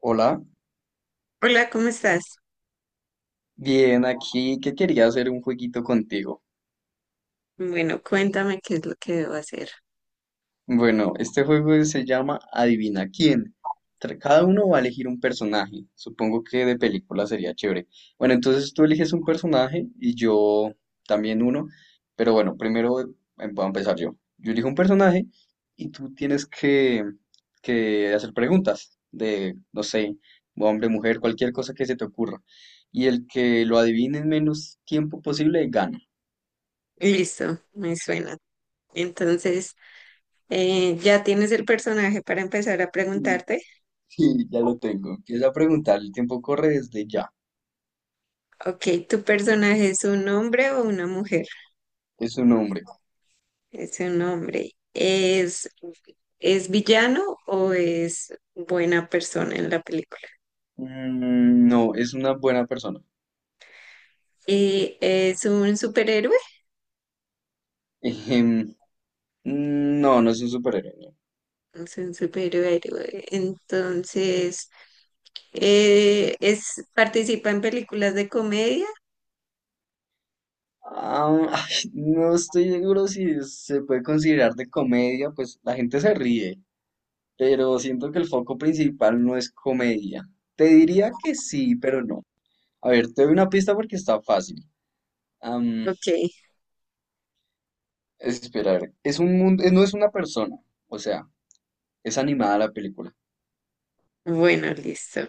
Hola, Hola, ¿cómo estás? bien, aquí que quería hacer un jueguito contigo. Bueno, cuéntame qué es lo que debo hacer. Bueno, este juego se llama Adivina quién. Cada uno va a elegir un personaje. Supongo que de película sería chévere. Bueno, entonces tú eliges un personaje y yo también uno. Pero bueno, primero voy a empezar yo. Yo elijo un personaje y tú tienes que hacer preguntas de, no sé, hombre, mujer, cualquier cosa que se te ocurra. Y el que lo adivine en menos tiempo posible gana. Listo, me suena. Entonces, ¿ya tienes el personaje para empezar a preguntarte? Sí, ya lo tengo. Empieza a preguntar. El tiempo corre desde ya. Ok, ¿tu personaje es un hombre o una mujer? Es un hombre. Es un hombre. ¿Es villano o es buena persona en la película? Mm, no, es una buena persona. ¿Y es un superhéroe? Ejem, mm, no, no es un superhéroe. No. Es un superhéroe. Entonces, es, ¿participa en películas de comedia? Ah, ay, no estoy seguro si se puede considerar de comedia, pues la gente se ríe, pero siento que el foco principal no es comedia. Te diría que sí, pero no. A ver, te doy una pista porque está fácil. Am, Ok. Espera, a ver. Es un mundo, no es una persona, o sea, es animada la película. Bueno, listo.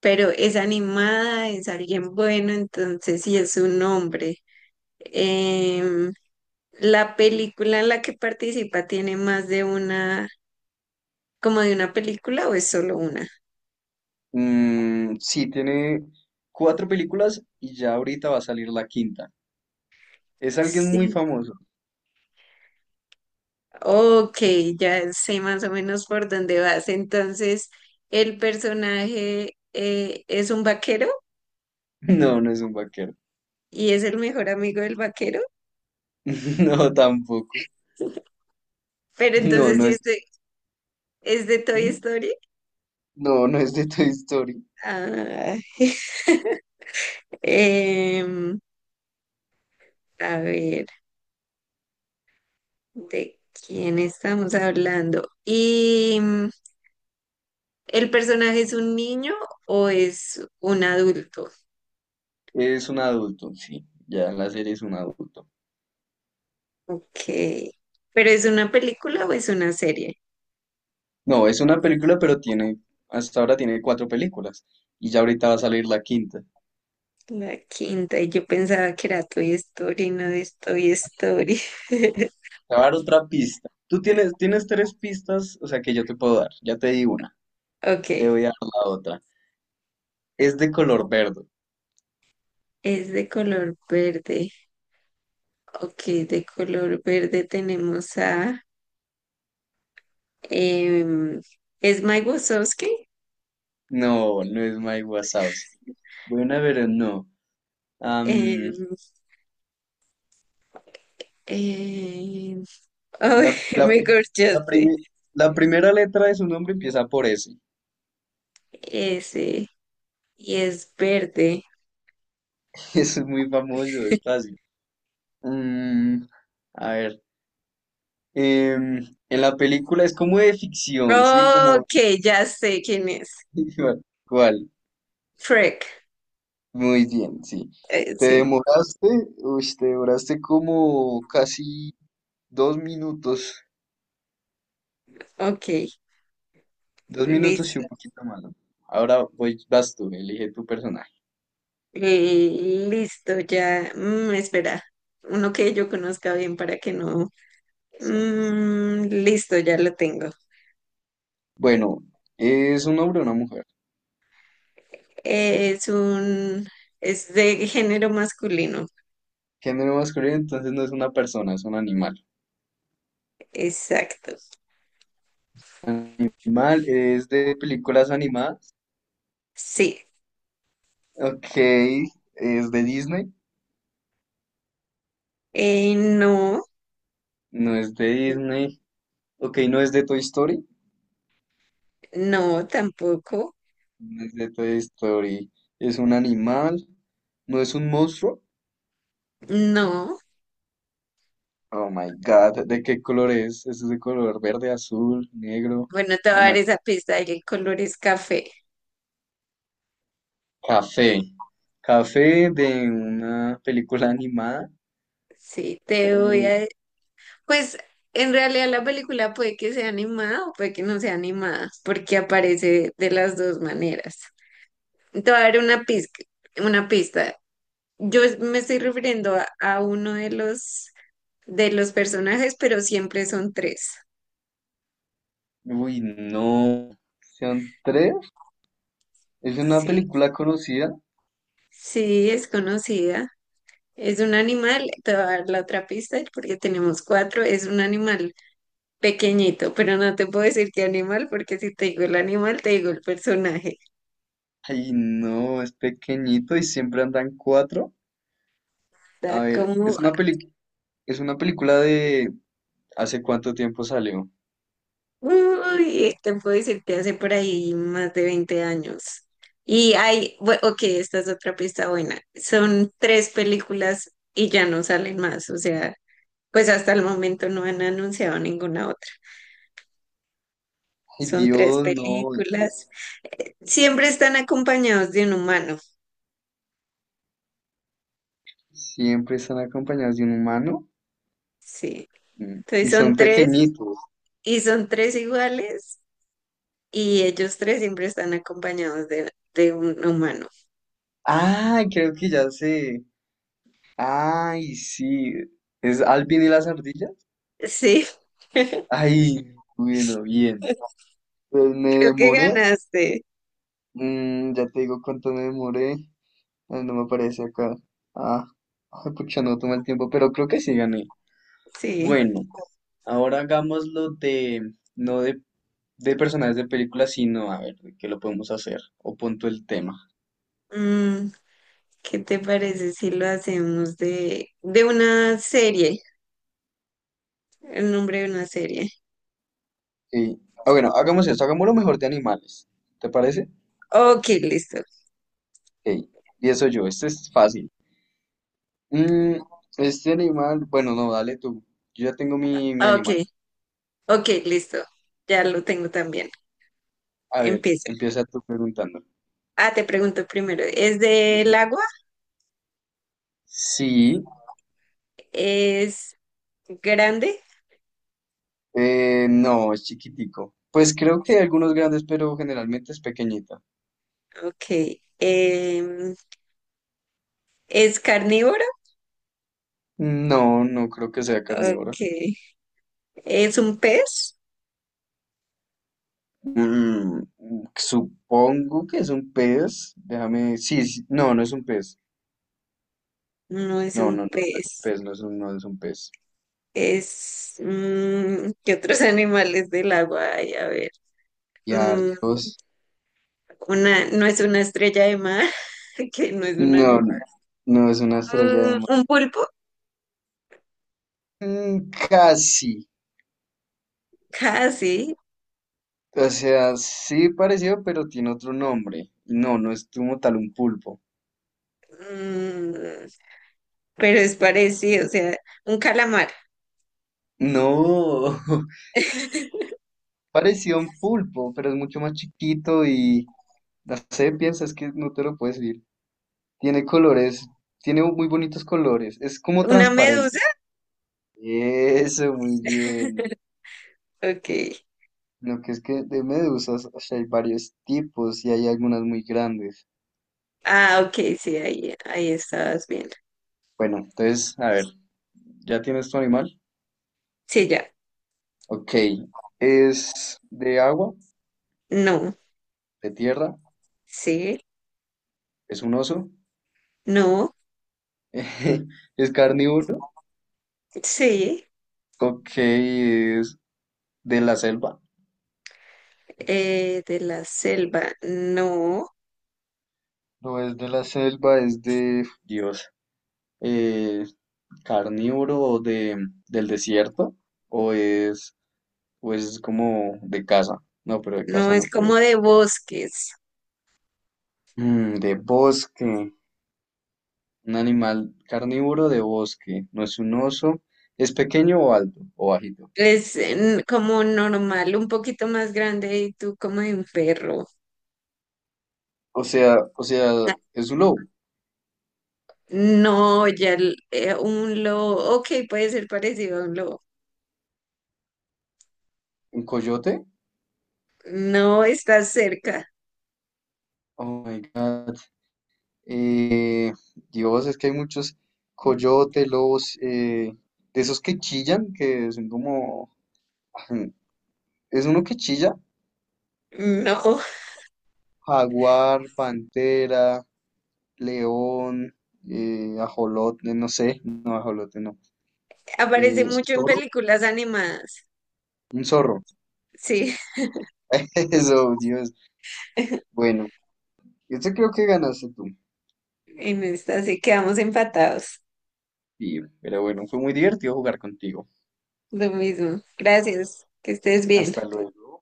Pero es animada, es alguien bueno, entonces sí es un hombre. Em, ¿La película en la que participa tiene más como de una película o es solo una? Mm, sí, tiene cuatro películas y ya ahorita va a salir la quinta. Es alguien muy Sí. famoso. Ok, ya sé más o menos por dónde vas. Entonces, el personaje es un vaquero No, no es un vaquero. y es el mejor amigo del vaquero. No, tampoco. Pero No, entonces no sí es. Es de Toy Story. No, no es de Toy Story. Ah. Em, a ver, ¿de quién estamos hablando? ¿Y el personaje es un niño o es un adulto? Es un adulto, sí. Ya en la serie es un adulto. Ok. ¿Pero es una película o es una serie? No, es una película, pero hasta ahora tiene cuatro películas. Y ya ahorita va a salir la quinta. La quinta, y yo pensaba que era Toy Story, no es Toy Story. Te voy a dar otra pista. Tú tienes tres pistas, o sea que yo te puedo dar. Ya te di una. Ok, Te voy a dar la otra. Es de color verde. es de color verde. Ok, de color verde tenemos a... em, es Mike Wazowski. No, no es Mike Wazowski. Buena, pero no. Am, Em, em, la, ay, la, me pri- la, corchaste. prime- la primera letra de su nombre empieza por S. Ese. Y es verde. Eso es muy famoso, es fácil. Mm, a ver. em, en la película es como de ficción, ¿sí? Como. Ok, ya sé quién es. ¿Cuál? Shrek. Muy bien, sí. Te Sí. demoraste, Uy, te demoraste como casi 2 minutos. Ok, 2 minutos y listo. un poquito más, ¿no? Ahora vas tú, elige tu personaje. Listo, ya. Mm, espera. Uno que yo conozca bien para que no. Mm, listo, ya lo tengo. Bueno, ¿es un hombre o una mujer? Es un. Es de género masculino. Género masculino, entonces no es una persona, es un animal. Exacto. Animal es de películas animadas. Sí. Ok, ¿es de Disney? No, No es de Disney. Ok, no es de Toy Story. no, tampoco. No es de Toy Story. Es un animal. No es un monstruo. No. Oh my God, ¿de qué color es? Es de color verde, azul, negro, Bueno, te voy a dar amarillo. esa pista. El color es café. Café. Café de una película animada. Sí, te voy eh, a... Pues en realidad la película puede que sea animada o puede que no sea animada, porque aparece de las dos maneras. Te voy a dar una pista, una pista. Me estoy refiriendo a uno de los personajes, pero siempre son tres. Uy, no. ¿Son tres? ¿Es una Sí, película conocida? sí, es conocida. Es un animal, te voy a dar la otra pista porque tenemos cuatro. Es un animal pequeñito, pero no te puedo decir qué animal porque si te digo el animal, te digo el personaje. Ay, no, es pequeñito y siempre andan cuatro. Da A ver, como, es una película de, ¿hace cuánto tiempo salió? uy, te puedo decir que hace por ahí más de 20 años. Y hay, ok, esta es otra pista buena. Son tres películas y ya no salen más. O sea, pues hasta el momento no han anunciado ninguna otra. Ay, Son tres Dios, no. películas. Siempre están acompañados de un humano. Siempre están acompañados de un humano. Sí. Entonces Y son son tres pequeñitos. y son tres iguales y ellos tres siempre están acompañados de un humano. Ay, creo que ya sé. Ay, sí. ¿Es Alvin y las ardillas? Sí, creo Ay, bueno, bien. Pues me que demoré. ganaste. Ya te digo cuánto me demoré. No, me aparece acá. Ah, ay, pucha, no toma el tiempo, pero creo que sí gané. Sí. Bueno, ahora hagámoslo de, no de personajes de películas, sino a ver, ¿de qué lo podemos hacer? O punto el tema. Mm, ¿qué te parece si lo hacemos de una serie? El nombre de una serie. Sí. Ah, bueno, hagamos esto, hagamos lo mejor de animales. ¿Te parece? Ok, listo. Ok, empiezo yo, este es fácil. Mm, este animal, bueno, no, dale tú. Yo ya tengo mi Ok, animal. ok, listo. Ya lo tengo también. A ver, Empieza. empieza tú preguntando. Ah, te pregunto primero. ¿Es del Ujú. agua? Sí. ¿Es grande? No, es chiquitico. Pues creo que hay algunos grandes, pero generalmente es pequeñita. Ok. Em, ¿Es carnívoro? No, no creo que sea Ok. carnívora. ¿Es un pez? Mm, Supongo que es un pez. Déjame. Sí, sí, no, no es un pez. No es No, un no, no, no es un pez. pez, no es un pez. Es... ¿qué otros animales del agua hay? A ver. Y Mm, hartos. una, no es una estrella de mar, que no es un No, animal. no es una estrella de Mm, mar. un pulpo, Mm, casi. casi, O sea, sí parecido, pero tiene otro nombre. No, no es como tal un pulpo. mm, pero es parecido, o sea, un calamar. No. Parecido a un pulpo, pero es mucho más chiquito y la sé, piensas que no te lo puedes decir. Tiene colores, tiene muy bonitos colores, es como Una medusa, transparente. Eso, muy bien. ok. Lo que es que de medusas o sea, hay varios tipos y hay algunas muy grandes. Ah, ok, sí, ahí, ahí estabas bien. Bueno, entonces, a ver, ¿ya tienes tu animal? Sí, ya. Ok, ¿es de agua? No, ¿De tierra? sí, ¿Es un oso? no, ¿Es carnívoro? sí. Ok, ¿es de la selva? Eh, de la selva, no, No es de la selva, es Dios, eh, carnívoro o del desierto, o es, o es como de casa. No, pero de no casa no es puede como ser. de bosques. De bosque, un animal carnívoro de bosque, no es un oso, es pequeño o alto o bajito. Es como normal, un poquito más grande y tú como de un perro. O sea, es un lobo, No, un lobo. Ok, puede ser parecido a un lobo. un coyote. No está cerca. Oh my God. Eh, Dios, es que hay muchos coyotes, lobos, de esos que chillan, que son como. Es uno que chilla. No. Jaguar, pantera, león, ajolote, no sé, no, ajolote, no. Aparece mucho en Zorro, películas animadas. un zorro. Sí, Eso, Dios. Bueno, este creo que ganaste tú. en esta sí quedamos empatados. Sí, pero bueno, fue muy divertido jugar contigo. Lo mismo. Gracias. Que estés bien. Hasta luego.